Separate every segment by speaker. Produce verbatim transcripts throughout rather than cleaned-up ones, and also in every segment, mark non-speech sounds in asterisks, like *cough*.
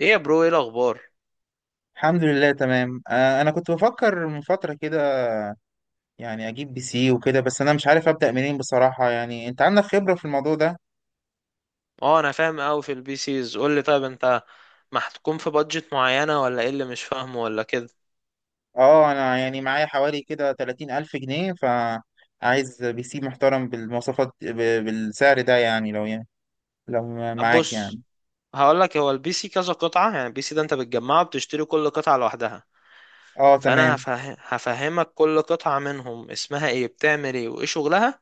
Speaker 1: ايه يا برو، ايه الاخبار؟
Speaker 2: الحمد لله، تمام. آه، انا كنت بفكر من فترة كده، يعني اجيب بي سي وكده. بس انا مش عارف ابدأ منين بصراحة. يعني انت عندك خبرة في الموضوع ده.
Speaker 1: اه، انا فاهم قوي في البي سيز. قول لي، طيب انت محكوم في بادجت معينه ولا ايه اللي مش فاهمه، ولا كده؟
Speaker 2: اه، انا يعني معايا حوالي كده تلاتين ألف جنيه الف جنيه، فعايز بي سي محترم بالمواصفات ب- بالسعر ده. يعني لو يعني لو
Speaker 1: طب
Speaker 2: معاك
Speaker 1: بص،
Speaker 2: يعني.
Speaker 1: هقول لك. هو البي سي كذا قطعه، يعني البي سي ده انت بتجمعه، بتشتري كل قطعه لوحدها.
Speaker 2: اه،
Speaker 1: فانا
Speaker 2: تمام.
Speaker 1: هفه... هفهمك كل قطعه منهم اسمها ايه، بتعمل ايه، وايه شغلها،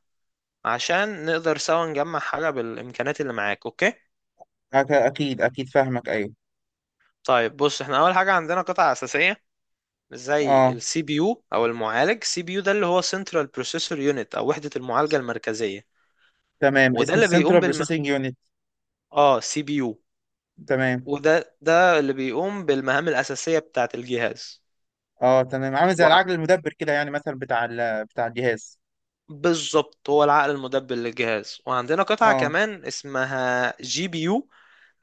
Speaker 1: عشان نقدر سوا نجمع حاجه بالامكانيات اللي معاك. اوكي؟
Speaker 2: أك- اكيد اكيد، فاهمك، ايوه.
Speaker 1: طيب بص، احنا اول حاجه عندنا قطعه اساسيه زي
Speaker 2: اه،
Speaker 1: السي بي يو او المعالج. سي بي يو ده اللي هو سنترال بروسيسور يونت او وحده المعالجه المركزيه.
Speaker 2: تمام.
Speaker 1: وده
Speaker 2: اسمه
Speaker 1: اللي بيقوم
Speaker 2: السنترال
Speaker 1: بالم
Speaker 2: بروسيسنج يونت.
Speaker 1: اه سي بي يو
Speaker 2: تمام.
Speaker 1: وده ده اللي بيقوم بالمهام الأساسية بتاعة الجهاز.
Speaker 2: اه، تمام، عامل زي
Speaker 1: وع...
Speaker 2: العقل المدبر كده، يعني مثلا بتاع ال- بتاع الجهاز.
Speaker 1: بالظبط، هو العقل المدبر للجهاز. وعندنا قطعة
Speaker 2: اه،
Speaker 1: كمان اسمها جي بي يو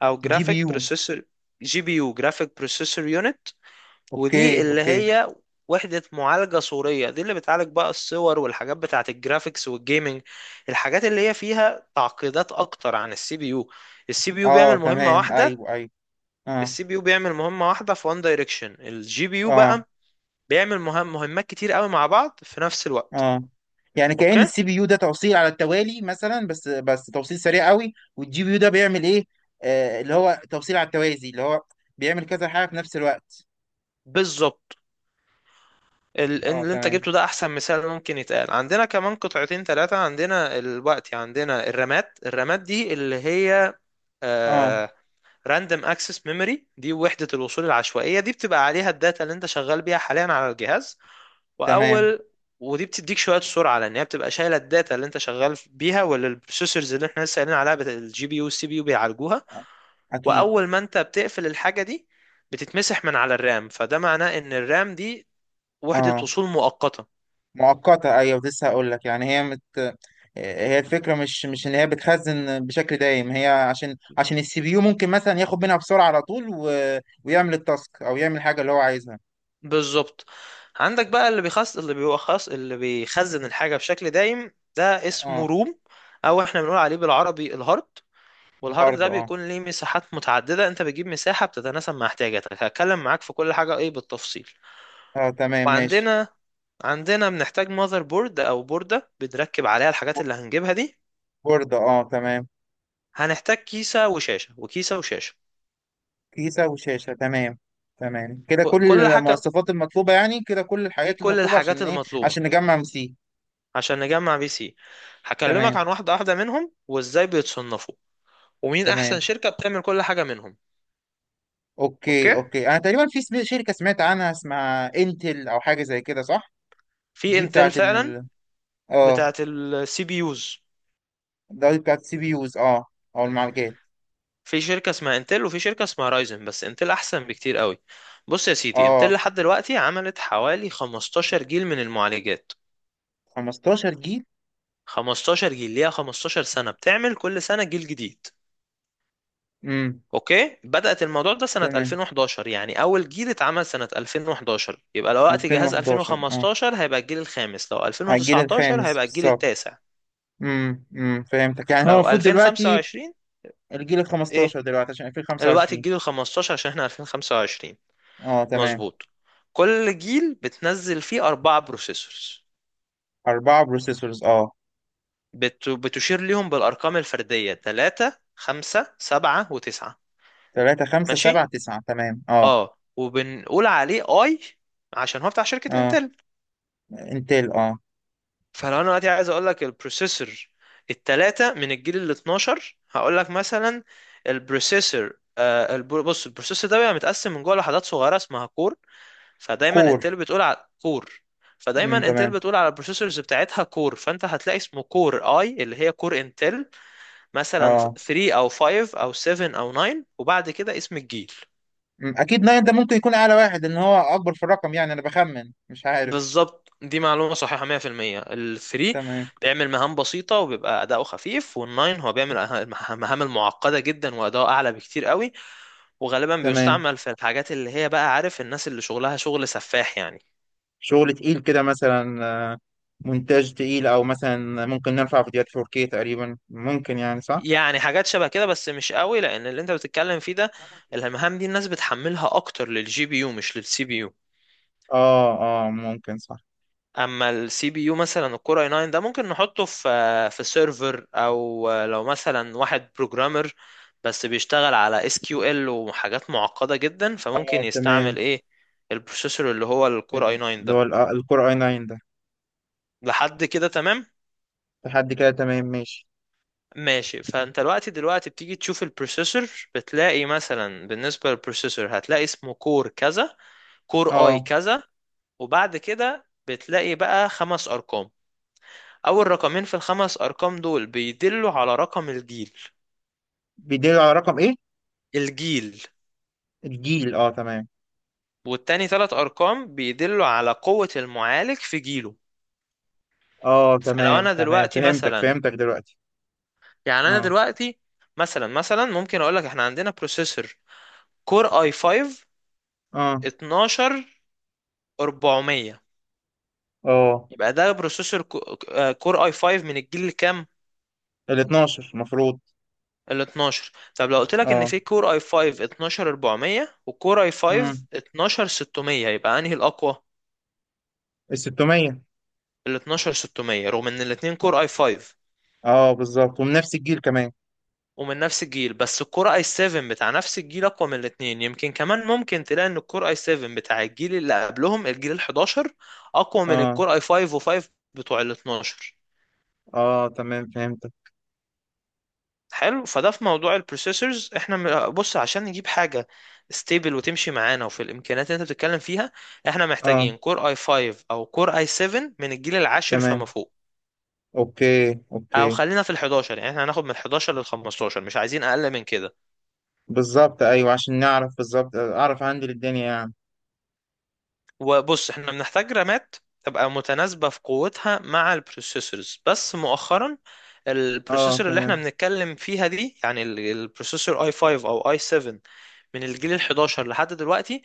Speaker 1: أو
Speaker 2: جي بي
Speaker 1: جرافيك
Speaker 2: يو.
Speaker 1: بروسيسور. جي بي يو، جرافيك بروسيسور يونت، ودي
Speaker 2: اوكي،
Speaker 1: اللي
Speaker 2: اوكي.
Speaker 1: هي وحدة معالجة صورية. دي اللي بتعالج بقى الصور والحاجات بتاعة الجرافيكس والجيمنج، الحاجات اللي هي فيها تعقيدات أكتر عن السي بي يو. السي بي يو
Speaker 2: اه،
Speaker 1: بيعمل مهمة
Speaker 2: تمام.
Speaker 1: واحدة
Speaker 2: ايوه، ايوه. اه.
Speaker 1: السي بي يو بيعمل مهمة واحدة في وان دايركشن. الجي بي يو
Speaker 2: اه.
Speaker 1: بقى بيعمل مهم مهمات كتير قوي مع بعض في نفس الوقت.
Speaker 2: اه يعني كأن
Speaker 1: اوكي.
Speaker 2: السي بي يو ده توصيل على التوالي مثلا، بس بس توصيل سريع قوي. والجي بي يو ده بيعمل ايه؟ آه، اللي هو توصيل على التوازي، اللي هو بيعمل كذا حاجة في نفس الوقت.
Speaker 1: بالظبط، ال-
Speaker 2: اه،
Speaker 1: اللي انت
Speaker 2: تمام.
Speaker 1: جبته ده احسن مثال ممكن يتقال. عندنا كمان قطعتين ثلاثة، عندنا الوقت، عندنا الرامات. الرامات دي اللي هي
Speaker 2: اه.
Speaker 1: آه راندوم اكسس ميموري، دي وحدة الوصول العشوائية. دي بتبقى عليها الداتا اللي انت شغال بيها حاليا على الجهاز.
Speaker 2: تمام.
Speaker 1: واول ودي بتديك شويه سرعه، لان هي بتبقى شايله الداتا اللي انت شغال بيها، ولا البروسيسورز اللي احنا لسه قايلين عليها بت... الجي بي يو والسي بي يو بيعالجوها.
Speaker 2: اكيد.
Speaker 1: واول ما انت بتقفل الحاجه دي بتتمسح من على الرام، فده معناه ان الرام دي وحده
Speaker 2: اه.
Speaker 1: وصول مؤقته.
Speaker 2: مؤقتة، ايوه. لسه هقول لك يعني، هي مت... آه، هي الفكرة مش مش ان هي بتخزن بشكل دايم، هي عشان عشان السي بي يو ممكن مثلا ياخد منها بسرعة على طول و... ويعمل التاسك، او يعمل حاجة اللي هو عايزها.
Speaker 1: بالظبط. عندك بقى اللي بيخص اللي بيخص اللي بيخزن الحاجه بشكل دايم، ده اسمه
Speaker 2: اه،
Speaker 1: روم، او احنا بنقول عليه بالعربي الهارد. والهارد
Speaker 2: الهارد.
Speaker 1: ده
Speaker 2: اه،
Speaker 1: بيكون ليه مساحات متعدده، انت بتجيب مساحه بتتناسب مع احتياجاتك. هتكلم معاك في كل حاجه ايه بالتفصيل.
Speaker 2: اه تمام، ماشي.
Speaker 1: وعندنا عندنا بنحتاج ماذر بورد او بوردة بنركب عليها الحاجات اللي هنجيبها دي.
Speaker 2: بورد، اه، تمام.
Speaker 1: هنحتاج كيسة وشاشة، وكيسة وشاشة.
Speaker 2: كيسة وشاشة، تمام. تمام كده،
Speaker 1: ك-
Speaker 2: كل
Speaker 1: كل حاجة
Speaker 2: المواصفات المطلوبة، يعني كده كل
Speaker 1: دي
Speaker 2: الحاجات
Speaker 1: كل
Speaker 2: المطلوبة، عشان
Speaker 1: الحاجات
Speaker 2: ايه،
Speaker 1: المطلوبة
Speaker 2: عشان نجمع مسي.
Speaker 1: عشان نجمع بي سي. هكلمك
Speaker 2: تمام
Speaker 1: عن واحدة واحدة منهم وازاي بيتصنفوا ومين احسن
Speaker 2: تمام.
Speaker 1: شركة بتعمل كل حاجة منهم.
Speaker 2: اوكي،
Speaker 1: اوكي،
Speaker 2: اوكي. انا تقريبا في سم- شركة سمعت عنها اسمها انتل، او حاجة زي كده، صح؟
Speaker 1: في
Speaker 2: دي
Speaker 1: انتل
Speaker 2: بتاعت
Speaker 1: فعلا،
Speaker 2: ال... اه.
Speaker 1: بتاعت السي بي يوز.
Speaker 2: ده دي بتاعت السي بي يوز، اه، او المعالجات.
Speaker 1: في شركة اسمها انتل وفي شركة اسمها رايزن، بس انتل احسن بكتير قوي. بص يا سيدي، انتل
Speaker 2: اه.
Speaker 1: لحد دلوقتي عملت حوالي خمستاشر جيل من المعالجات.
Speaker 2: 15 جيل.
Speaker 1: خمستاشر جيل، ليها خمستاشر سنة بتعمل كل سنة جيل جديد.
Speaker 2: امم.
Speaker 1: اوكي، بدأت الموضوع ده سنة
Speaker 2: تمام.
Speaker 1: ألفين وحداشر، يعني اول جيل اتعمل سنة ألفين وحداشر. يبقى لو وقت جهاز
Speaker 2: ألفين وحداشر، اه.
Speaker 1: ألفين خمستاشر هيبقى الجيل الخامس، لو
Speaker 2: على الجيل
Speaker 1: ألفين تسعتاشر
Speaker 2: الخامس
Speaker 1: هيبقى الجيل
Speaker 2: بالظبط.
Speaker 1: التاسع،
Speaker 2: امم، امم، فهمتك. يعني هو
Speaker 1: لو
Speaker 2: المفروض دلوقتي
Speaker 1: ألفين وخمسة وعشرين
Speaker 2: الجيل ال
Speaker 1: ايه؟
Speaker 2: الخمستاشر دلوقتي، عشان
Speaker 1: الوقت
Speaker 2: ألفين وخمسة وعشرين.
Speaker 1: الجيل ال خمستاشر عشان احنا ألفين خمسة وعشرين.
Speaker 2: اه، تمام.
Speaker 1: مظبوط. كل جيل بتنزل فيه أربعة بروسيسورز،
Speaker 2: أربعة بروسيسورز، اه.
Speaker 1: بت... بتشير ليهم بالأرقام الفردية ثلاثة خمسة سبعة و9.
Speaker 2: تلاتة، خمسة،
Speaker 1: ماشي.
Speaker 2: سبعة، تسعة، تمام، اه.
Speaker 1: اه، وبنقول عليه اي عشان هو بتاع شركة
Speaker 2: اه.
Speaker 1: انتل.
Speaker 2: انتل، اه.
Speaker 1: فلو انا دلوقتي عايز اقول لك البروسيسور التلاتة من الجيل ال اثنا عشر هقول لك مثلا البروسيسور آه، البر... بص، البروسيسور ده بيبقى متقسم من جوه لحدات صغيرة اسمها كور. فدايما
Speaker 2: كور.
Speaker 1: انتل بتقول على كور،
Speaker 2: امم،
Speaker 1: فدايما انتل
Speaker 2: تمام.
Speaker 1: بتقول على البروسيسورز بتاعتها كور. فانت هتلاقي اسمه كور اي، اللي هي كور انتل، مثلا
Speaker 2: اه.
Speaker 1: تلاتة او خمسة او سبعة او تسعة، وبعد كده اسم الجيل.
Speaker 2: أمم، أكيد ناين ده ممكن يكون أعلى واحد، إن هو أكبر في الرقم، يعني أنا بخمن، مش عارف.
Speaker 1: بالظبط، دي معلومة صحيحة مئة بالمئة. الثري
Speaker 2: تمام.
Speaker 1: بيعمل مهام بسيطة وبيبقى أداؤه خفيف، والناين هو بيعمل أه- مهام المعقدة جدا وأداؤه أعلى بكتير قوي. وغالبا
Speaker 2: تمام
Speaker 1: بيستعمل في الحاجات اللي هي بقى عارف، الناس اللي شغلها شغل سفاح يعني.
Speaker 2: شغل تقيل كده مثلا. آه، مونتاج تقيل، أو مثلا ممكن نرفع فيديوهات فور كي تقريبا، ممكن يعني، صح؟
Speaker 1: يعني حاجات شبه كده بس مش قوي، لأن اللي أنت بتتكلم فيه ده المهام دي الناس بتحملها أكتر للجي بي يو مش للسي بي يو.
Speaker 2: اه، اه، ممكن، صح.
Speaker 1: اما السي بي يو مثلا الكور اي تسعة ده ممكن نحطه في في سيرفر، او لو مثلا واحد بروجرامر بس بيشتغل على اس كيو ال وحاجات معقده جدا،
Speaker 2: اه،
Speaker 1: فممكن
Speaker 2: تمام،
Speaker 1: يستعمل ايه؟ البروسيسور اللي هو الكور اي تسعة
Speaker 2: اللي هو
Speaker 1: ده.
Speaker 2: الكور اي تسعة ده.
Speaker 1: لحد كده تمام،
Speaker 2: لحد كده تمام، ماشي.
Speaker 1: ماشي. فانت دلوقتي دلوقتي بتيجي تشوف البروسيسور، بتلاقي مثلا بالنسبه للبروسيسور هتلاقي اسمه كور كذا، كور اي
Speaker 2: اه.
Speaker 1: كذا. وبعد كده بتلاقي بقى خمس ارقام. أول رقمين في الخمس أرقام دول بيدلوا على رقم الجيل،
Speaker 2: بيدل على رقم ايه؟
Speaker 1: الجيل.
Speaker 2: الجيل، اه، تمام.
Speaker 1: والتاني تلات أرقام بيدلوا على قوة المعالج في جيله.
Speaker 2: اه،
Speaker 1: فلو
Speaker 2: تمام،
Speaker 1: أنا
Speaker 2: تمام،
Speaker 1: دلوقتي
Speaker 2: فهمتك،
Speaker 1: مثلا،
Speaker 2: فهمتك دلوقتي.
Speaker 1: يعني أنا
Speaker 2: اه.
Speaker 1: دلوقتي، مثلا مثلا ممكن أقولك إحنا عندنا بروسيسور كور أي خمسة
Speaker 2: اه.
Speaker 1: اتناشر أربعمية.
Speaker 2: اه.
Speaker 1: يبقى ده بروسيسور كو- آه، كور أي خمسة من الجيل الكام؟
Speaker 2: ال اتناشر المفروض.
Speaker 1: ال اتناشر. طب لو قلت لك ان
Speaker 2: اه.
Speaker 1: في كور اي خمسة اتناشر أربعمية وكور اي خمسة
Speaker 2: امم.
Speaker 1: اتناشر ستمية يبقى انهي الاقوى؟
Speaker 2: ال ستمائة.
Speaker 1: ال اثنا عشر ستمية، رغم ان الاتنين كور اي خمسة
Speaker 2: اه، بالظبط، ومن نفس الجيل كمان.
Speaker 1: ومن نفس الجيل. بس الكور اي سبعة بتاع نفس الجيل اقوى من الاتنين. يمكن كمان ممكن تلاقي ان الكور اي سبعة بتاع الجيل اللي قبلهم، الجيل ال حداشر، اقوى من
Speaker 2: اه.
Speaker 1: الكور اي خمسة و5 بتوع ال اتناشر.
Speaker 2: اه، تمام، فهمتك.
Speaker 1: حلو. فده في موضوع البروسيسورز. احنا م- بص، عشان نجيب حاجه ستيبل وتمشي معانا وفي الامكانيات اللي انت بتتكلم فيها، احنا
Speaker 2: اه،
Speaker 1: محتاجين كور اي خمسة او كور اي سبعة من الجيل العاشر فما
Speaker 2: تمام.
Speaker 1: فوق،
Speaker 2: اوكي،
Speaker 1: او
Speaker 2: اوكي.
Speaker 1: خلينا في ال حداشر. يعني احنا هناخد من حداشر لل خمستاشر، مش عايزين اقل من كده.
Speaker 2: بالظبط، ايوه، عشان نعرف بالظبط، اعرف عندي للدنيا يعني.
Speaker 1: وبص، احنا بنحتاج رامات تبقى متناسبة في قوتها مع البروسيسورز. بس مؤخرا
Speaker 2: اه.
Speaker 1: البروسيسور اللي احنا
Speaker 2: تمام.
Speaker 1: بنتكلم فيها دي، يعني ال- البروسيسور اي خمسة او اي سبعة من الجيل ال حداشر لحد دلوقتي،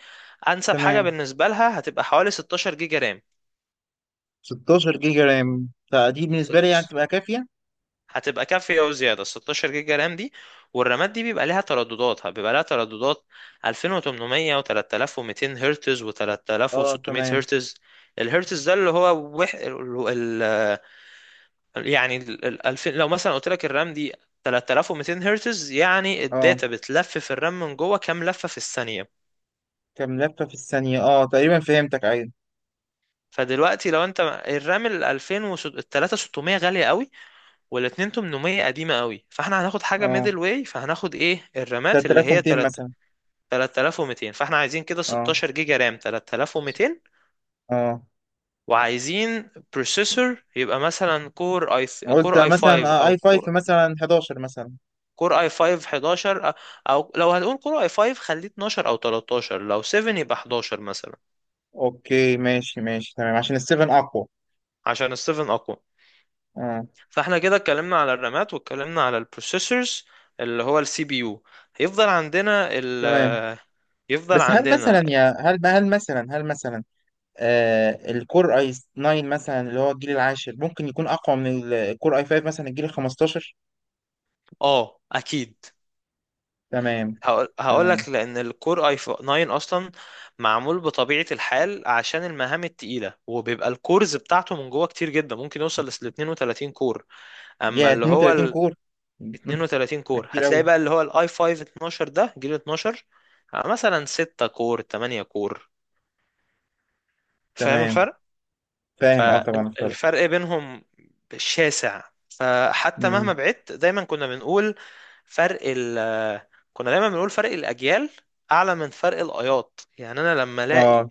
Speaker 1: انسب حاجة
Speaker 2: تمام.
Speaker 1: بالنسبة لها هتبقى حوالي ستاشر جيجا رام.
Speaker 2: ستاشر جيجا رام ده دي بالنسبه لي يعني
Speaker 1: ست-
Speaker 2: تبقى كافيه.
Speaker 1: هتبقى كافية وزيادة ستاشر جيجا رام دي. والرامات دي بيبقى لها ترددات بيبقى لها ترددات ألفين وتمنمية و3200 هرتز
Speaker 2: اه.
Speaker 1: و3600
Speaker 2: تمام،
Speaker 1: هرتز. الهرتز ده اللي هو وح... يعني ال ال- ألفين، لو مثلا قلت لك الرام دي ثلاثة آلاف ومئتين هرتز يعني
Speaker 2: اه.
Speaker 1: الداتا بتلف في الرام من جوه كام لفة في الثانية.
Speaker 2: كم لفة في الثانية، اه، تقريبا فهمتك، ايوه.
Speaker 1: فدلوقتي لو انت، الرام ال ألفين و ال تلاتة آلاف وستمية غالية قوي، وال ألفين وثمانمائة قديمة قوي، فاحنا هناخد حاجة
Speaker 2: اه.
Speaker 1: ميدل واي، فهناخد ايه؟ الرامات اللي هي
Speaker 2: تلاتة وتلاتين ميه
Speaker 1: تلاتة
Speaker 2: مثلا.
Speaker 1: تلاتة آلاف ومتين. فاحنا عايزين كده
Speaker 2: اه.
Speaker 1: ستاشر جيجا رام تلاتة آلاف ومتين،
Speaker 2: اه،
Speaker 1: وعايزين بروسيسور يبقى مثلا كور اي
Speaker 2: قلت
Speaker 1: كور اي
Speaker 2: مثلا
Speaker 1: خمسة
Speaker 2: آه اي
Speaker 1: او
Speaker 2: فايف مثلا، حداشر مثلا.
Speaker 1: كور اي خمسة حداشر أ- او لو هنقول كور اي خمسة خليه اتناشر او تلتاشر، لو سبعة يبقى حداشر مثلا،
Speaker 2: اوكي، ماشي، ماشي، تمام، عشان السيفن اقوى.
Speaker 1: عشان ال سبعة اقوى.
Speaker 2: اه.
Speaker 1: فاحنا كده اتكلمنا على الرامات واتكلمنا على البروسيسورز اللي هو السي بي يو. هيفضل عندنا
Speaker 2: تمام.
Speaker 1: ال يفضل
Speaker 2: بس هل مثلا،
Speaker 1: عندنا.
Speaker 2: يا هل هل مثلا هل مثلا آه الكور اي ناين مثلا، اللي هو الجيل العاشر، ممكن يكون اقوى من الكور اي فايف مثلا الجيل ال الخمستاشر؟
Speaker 1: اه اكيد،
Speaker 2: تمام.
Speaker 1: هقول
Speaker 2: تمام.
Speaker 1: لك، لان الكور اي تسعة اصلا معمول بطبيعه الحال عشان المهام التقيله، وبيبقى الكورز بتاعته من جوه كتير جدا ممكن يوصل ل اثنين وثلاثين كور. اما
Speaker 2: يا
Speaker 1: اللي
Speaker 2: 32
Speaker 1: هو
Speaker 2: كور! *laughs*
Speaker 1: اثنين وثلاثين
Speaker 2: ده
Speaker 1: كور
Speaker 2: كتير
Speaker 1: هتلاقي
Speaker 2: قوي.
Speaker 1: بقى اللي هو الاي خمسة اتناشر ده جيل اتناشر، آه، مثلا ستة كور ثمانية كور. فاهم
Speaker 2: تمام.
Speaker 1: الفرق؟
Speaker 2: فاهم، اه، طبعا الفرق.
Speaker 1: فالفرق بينهم شاسع. فحتى مهما
Speaker 2: امم.
Speaker 1: بعدت، دايما كنا بنقول فرق ال كنا دايما بنقول فرق الاجيال اعلى من فرق الايات. يعني انا لما الاقي
Speaker 2: اه.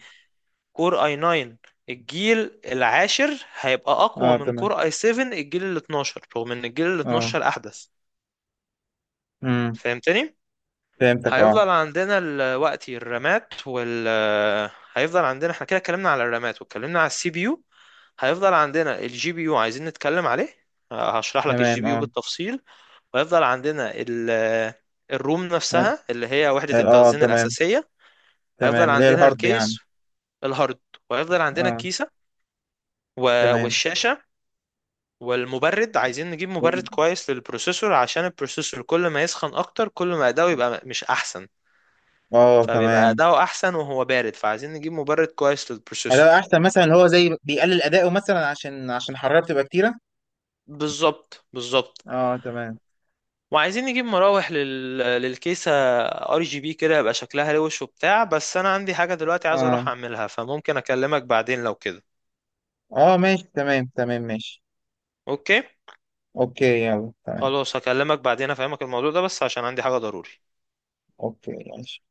Speaker 1: كور اي تسعة الجيل العاشر هيبقى اقوى
Speaker 2: اه،
Speaker 1: من
Speaker 2: تمام.
Speaker 1: كور اي سبعة الجيل ال اثنا عشر رغم ان الجيل ال
Speaker 2: اه.
Speaker 1: اثنا عشر احدث.
Speaker 2: امم.
Speaker 1: فهمتني؟
Speaker 2: فهمتك، اه.
Speaker 1: هيفضل عندنا الوقت الرامات وال هيفضل عندنا، احنا كده اتكلمنا على الرامات واتكلمنا على السي بي يو. هيفضل عندنا الجي بي يو عايزين نتكلم عليه، هشرح لك
Speaker 2: تمام،
Speaker 1: الجي بي يو
Speaker 2: اه.
Speaker 1: بالتفصيل. وهيفضل عندنا ال الروم
Speaker 2: اه.
Speaker 1: نفسها اللي هي وحدة
Speaker 2: آه،
Speaker 1: التخزين
Speaker 2: تمام.
Speaker 1: الأساسية. هيفضل
Speaker 2: تمام، اللي هي
Speaker 1: عندنا
Speaker 2: الهارد يعني.
Speaker 1: الكيس الهارد. وهيفضل عندنا
Speaker 2: اه.
Speaker 1: الكيسة و-
Speaker 2: تمام.
Speaker 1: والشاشة والمبرد. عايزين نجيب مبرد
Speaker 2: والم-
Speaker 1: كويس للبروسيسور، عشان البروسيسور كل ما يسخن أكتر كل ما أداؤه يبقى مش أحسن.
Speaker 2: اه،
Speaker 1: فبيبقى
Speaker 2: تمام.
Speaker 1: أداؤه أحسن وهو بارد، فعايزين نجيب مبرد كويس
Speaker 2: هذا
Speaker 1: للبروسيسور.
Speaker 2: احسن، مثلا اللي هو زي بيقلل اداؤه مثلا، عشان عشان الحراره بتبقى كتيره.
Speaker 1: بالظبط، بالظبط.
Speaker 2: اه، تمام.
Speaker 1: وعايزين نجيب مراوح لل... للكيسة ار جي بي كده يبقى شكلها روش وبتاع. بس أنا عندي حاجة دلوقتي عايز
Speaker 2: اه.
Speaker 1: أروح أعملها، فممكن أكلمك بعدين لو كده.
Speaker 2: اه، ماشي، تمام، تمام، ماشي.
Speaker 1: أوكي.
Speaker 2: اوكي، يلا، تمام.
Speaker 1: خلاص، هكلمك بعدين أفهمك الموضوع ده بس عشان عندي حاجة ضروري.
Speaker 2: اوكي، ماشي.